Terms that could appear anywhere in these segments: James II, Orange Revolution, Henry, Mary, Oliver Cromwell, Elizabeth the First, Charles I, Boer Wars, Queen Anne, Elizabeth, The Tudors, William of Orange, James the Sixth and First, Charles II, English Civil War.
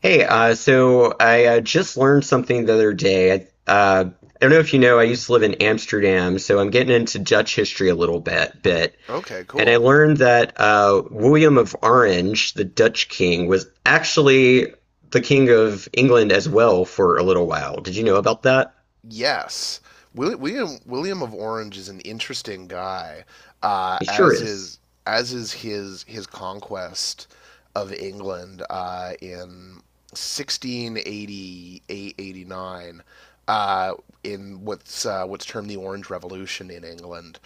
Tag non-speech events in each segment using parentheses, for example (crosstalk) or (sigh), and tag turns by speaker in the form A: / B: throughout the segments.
A: Hey, so I just learned something the other day. I don't know if you know, I used to live in Amsterdam, so I'm getting into Dutch history a little bit.
B: Okay,
A: And I
B: cool.
A: learned that William of Orange, the Dutch king, was actually the king of England as well for a little while. Did you know about that?
B: Yes. William of Orange is an interesting guy, uh,
A: He sure
B: as
A: is.
B: is as is his conquest of England in 1688 89, uh, in what's termed the Orange Revolution in England.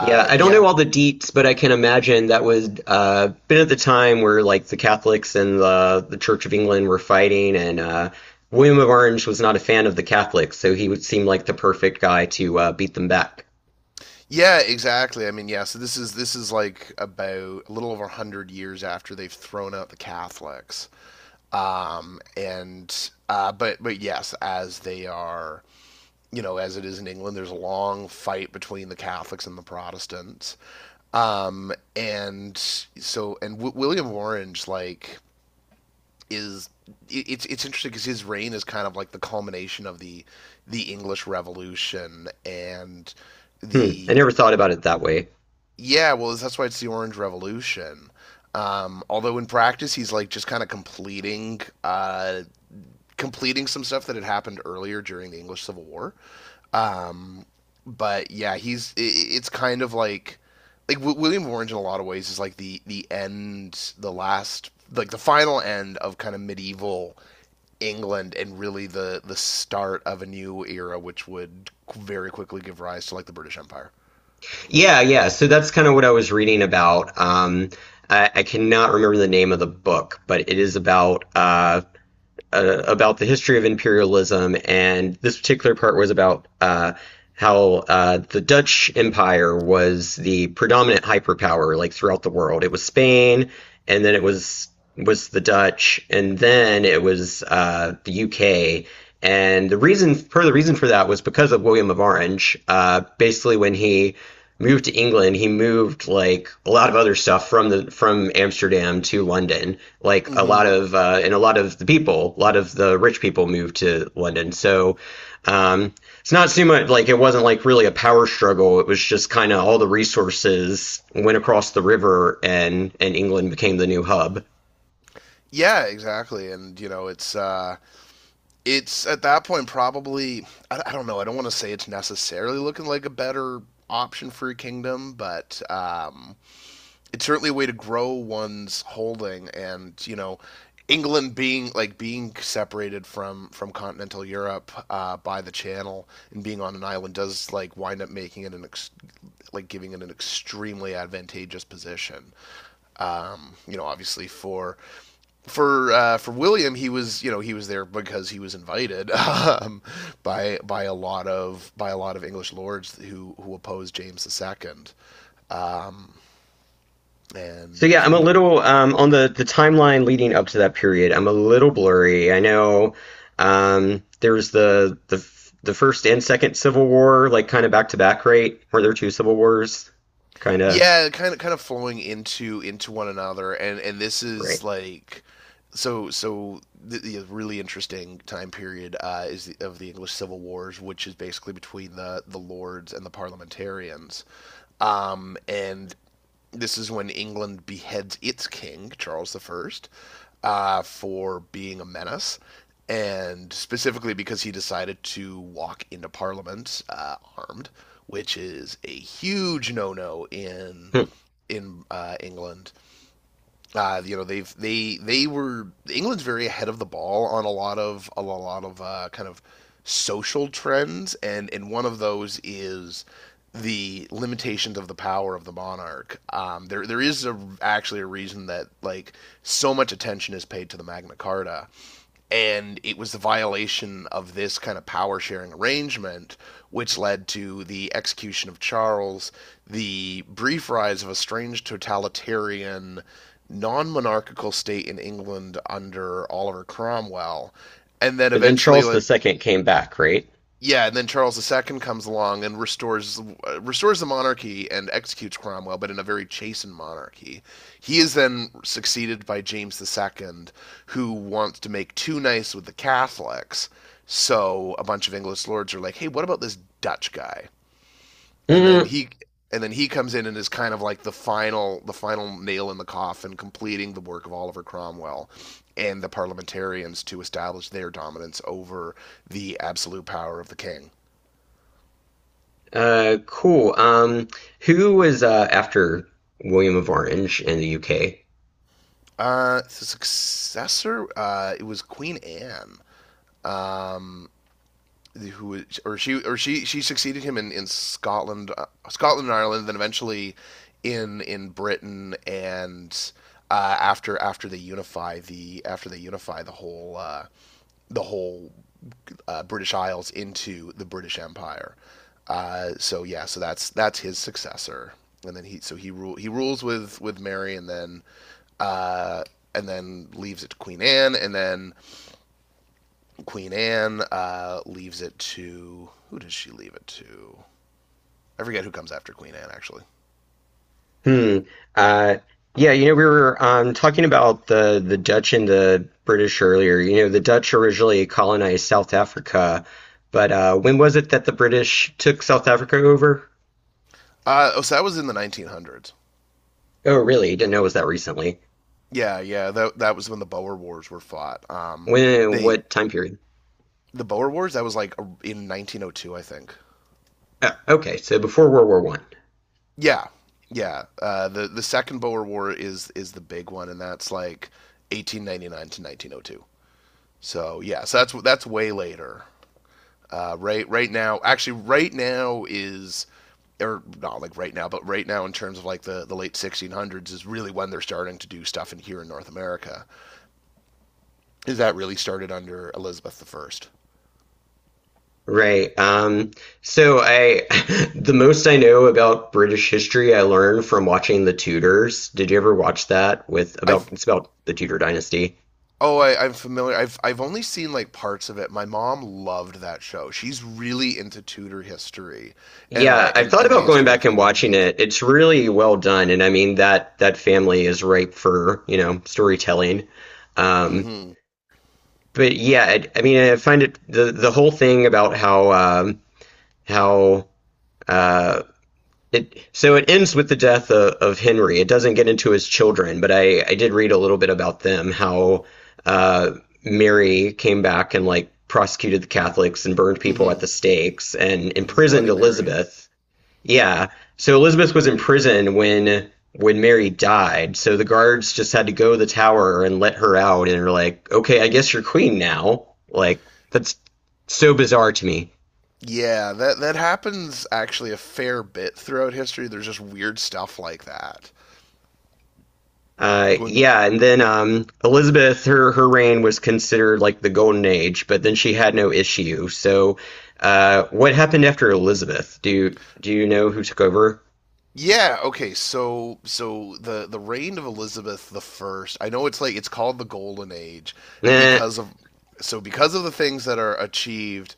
A: Yeah, I don't know
B: Yeah,
A: all the deets, but I can imagine that would been at the time where like the Catholics and the Church of England were fighting, and William of Orange was not a fan of the Catholics, so he would seem like the perfect guy to beat them back.
B: yeah, exactly. I mean, yeah. So this is like about a little over 100 years after they've thrown out the Catholics. And but yes, as they are, you know, as it is in England, there's a long fight between the Catholics and the Protestants. And so and w- William of Orange, like, is it- it's interesting because his reign is kind of like the culmination of the English Revolution and
A: Hmm, I
B: the.
A: never thought about it that way.
B: Yeah, well, that's why it's the Orange Revolution. Although in practice he's like just kind of completing some stuff that had happened earlier during the English Civil War. Um, but yeah, he's I it's kind of like, William of Orange in a lot of ways is like the end, the last, like the final end of kind of medieval England, and really the start of a new era, which would very quickly give rise to like the British Empire.
A: Yeah, yeah. So that's kind of what I was reading about. I cannot remember the name of the book, but it is about the history of imperialism, and this particular part was about how the Dutch Empire was the predominant hyperpower like throughout the world. It was Spain, and then it was the Dutch, and then it was the UK. And the reason, per the reason for that, was because of William of Orange. Basically, when he moved to England, he moved like a lot of other stuff from the from Amsterdam to London. Like a lot
B: hmm
A: of and a lot of the people, a lot of the rich people moved to London. So um, it's not so much like it wasn't like really a power struggle. It was just kind of all the resources went across the river, and England became the new hub.
B: Yeah, exactly, and, you know, It's at that point probably. I don't know. I don't want to say it's necessarily looking like a better option for your kingdom, but it's certainly a way to grow one's holding. And, you know, England being being separated from continental Europe by the Channel and being on an island does, like, wind up making it like giving it an extremely advantageous position. Obviously for William, he was there because he was invited (laughs) by a lot of by a lot of English lords who opposed James II. Um,
A: So yeah,
B: and
A: I'm a little on the timeline leading up to that period. I'm a little blurry. I know there was the first and second Civil War, like kind of back to back, right? Were there two Civil Wars? Kind of
B: Yeah, kind of flowing into one another, and this is
A: right.
B: like so the really interesting time period is, of the English Civil Wars, which is basically between the lords and the parliamentarians. And This is when England beheads its king, Charles I, for being a menace, and specifically because he decided to walk into Parliament armed, which is a huge no-no in
A: Hmm.
B: in uh, England. They were England's very ahead of the ball on a lot of kind of social trends, and one of those is the limitations of the power of the monarch. There is, actually, a reason that, like, so much attention is paid to the Magna Carta, and it was the violation of this kind of power sharing arrangement which led to the execution of Charles, the brief rise of a strange totalitarian non monarchical state in England under Oliver Cromwell, and then
A: But then
B: eventually,
A: Charles
B: like.
A: II came back, right?
B: Yeah, and then Charles II comes along and restores the monarchy and executes Cromwell, but in a very chastened monarchy. He is then succeeded by James II, who wants to make too nice with the Catholics. So a bunch of English lords are like, "Hey, what about this Dutch guy?" And then
A: Mm.
B: he and then he comes in and is kind of like the final nail in the coffin, completing the work of Oliver Cromwell and the parliamentarians to establish their dominance over the absolute power of the king.
A: Cool. Who was after William of Orange in the UK?
B: The successor, it was Queen Anne. Um, who or she succeeded him in Scotland, Scotland and Ireland, then eventually in Britain, and after they unify the whole the whole British Isles into the British Empire. So yeah, that's his successor, and then he rules with Mary, and uh, then leaves it to Queen Anne, and then Queen Anne leaves it to— who does she leave it to? I forget who comes after Queen Anne actually.
A: Hmm. Uh, yeah, you know, we were talking about the Dutch and the British earlier. You know, the Dutch originally colonized South Africa, but when was it that the British took South Africa over?
B: Oh, so that was in the 1900s.
A: Oh, really? Didn't know it was that recently.
B: Yeah, yeah, that was when the Boer Wars were fought.
A: When?
B: They
A: What time period?
B: the Boer Wars that was like in 1902, I think.
A: Oh, okay, so before World War One.
B: Yeah, yeah. The second Boer War is the big one, and that's like 1899 to 1902. So yeah, so that's way later. Right now, actually, right now is— or not like right now, but right now in terms of, like, the late 1600s is really when they're starting to do stuff in here in North America. Is that really started under Elizabeth the 1st.
A: Right. So I, (laughs) the most I know about British history I learned from watching The Tudors. Did you ever watch that with about
B: I've
A: it's about the Tudor dynasty?
B: Oh, I'm familiar. I've only seen like parts of it. My mom loved that show. She's really into Tudor history and
A: Yeah,
B: like
A: I've
B: and,
A: thought
B: and the
A: about going
B: history of
A: back and
B: Henry the
A: watching
B: 8th.
A: it. It's really well done, and I mean that family is ripe for, storytelling. Um,
B: Mm-hmm.
A: but yeah, I mean I find it the whole thing about how how uh, it, so it ends with the death of Henry. It doesn't get into his children, but I did read a little bit about them, how uh, Mary came back and like prosecuted the Catholics and burned people at
B: Mm-hmm.
A: the stakes and
B: Mm,
A: imprisoned
B: Bloody Mary.
A: Elizabeth. Yeah. So Elizabeth was in prison when Mary died. So the guards just had to go to the tower and let her out and were like, "Okay, I guess you're queen now." Like that's so bizarre to me.
B: Yeah, that happens actually a fair bit throughout history. There's just weird stuff like that. When
A: Yeah, and then Elizabeth, her reign was considered like the golden age, but then she had no issue. So, what happened after Elizabeth? Do you know who took over?
B: Yeah, okay, so the reign of Elizabeth the First. I know it's, like, it's called the Golden Age,
A: Eh,
B: because of because of the things that are achieved,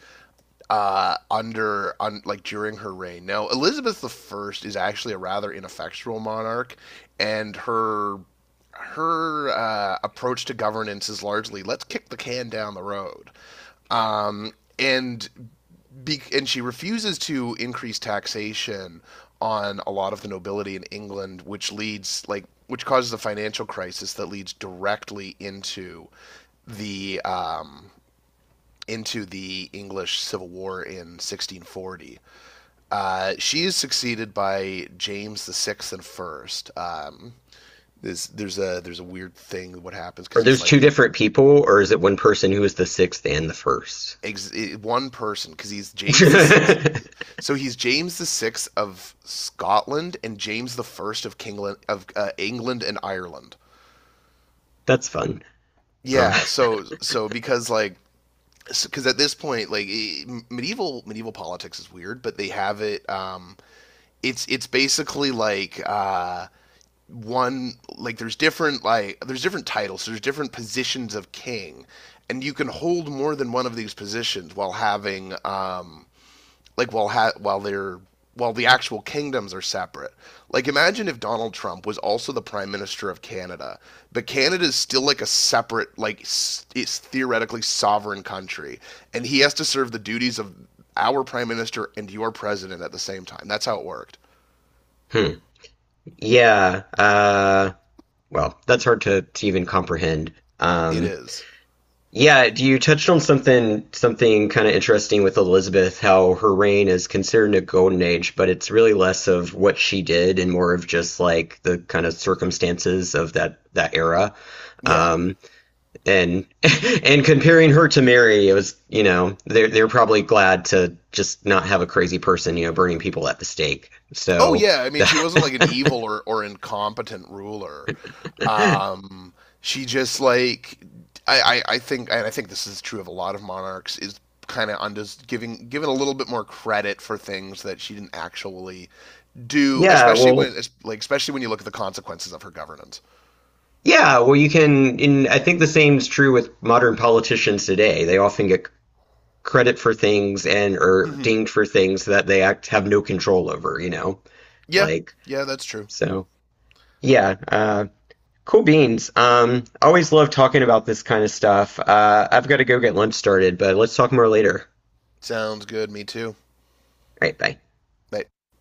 B: like, during her reign. Now Elizabeth the First is actually a rather ineffectual monarch, and her approach to governance is largely, let's kick the can down the road. Um, and and she refuses to increase taxation on a lot of the nobility in England, which leads like which causes a financial crisis that leads directly the um, into the English Civil War in 1640. She is succeeded by James the Sixth and First. There's a weird thing what happens because
A: are
B: he's
A: those two
B: like, he.
A: different people, or is it one person who was the sixth and the first?
B: One person, because he's James the Sixth. So he's James the Sixth of Scotland and James the First of Kingland, of England and Ireland.
A: (laughs) That's fun. Uh,
B: Yeah, so because, at this point, like, medieval politics is weird, but they have it. It's basically like one, like, there's different titles, so there's different positions of king, and you can hold more than one of these positions while having like while ha- while they're while the actual kingdoms are separate. Like, imagine if Donald Trump was also the prime minister of Canada, but Canada is still, like, a separate, it's theoretically sovereign country, and he has to serve the duties of our prime minister and your president at the same time. That's how it worked.
A: hmm. Yeah. Well, that's hard to even comprehend.
B: It
A: Um,
B: is.
A: Yeah, you touched on something kind of interesting with Elizabeth, how her reign is considered a golden age, but it's really less of what she did and more of just like the kind of circumstances of that era.
B: Yeah.
A: Um, and (laughs) and comparing her to Mary, it was, you know, they're probably glad to just not have a crazy person, you know, burning people at the stake.
B: Oh
A: So
B: yeah, I mean, she wasn't like an
A: that
B: evil or incompetent ruler. Um, she just, like, I think, and I think this is true of a lot of monarchs, is kind of, undes giving given a little bit more credit for things that she didn't actually
A: (laughs)
B: do,
A: yeah,
B: especially when
A: well,
B: es- like especially when you look at the consequences of her governance.
A: yeah, well, you can, and I think the same is true with modern politicians today. They often get credit for things and are
B: hmm
A: dinged for things that they act have no control over, you know?
B: Yeah,
A: Like,
B: yeah, that's true.
A: so yeah, cool beans. Always love talking about this kind of stuff. I've got to go get lunch started, but let's talk more later.
B: Sounds good. Me too.
A: All right, bye.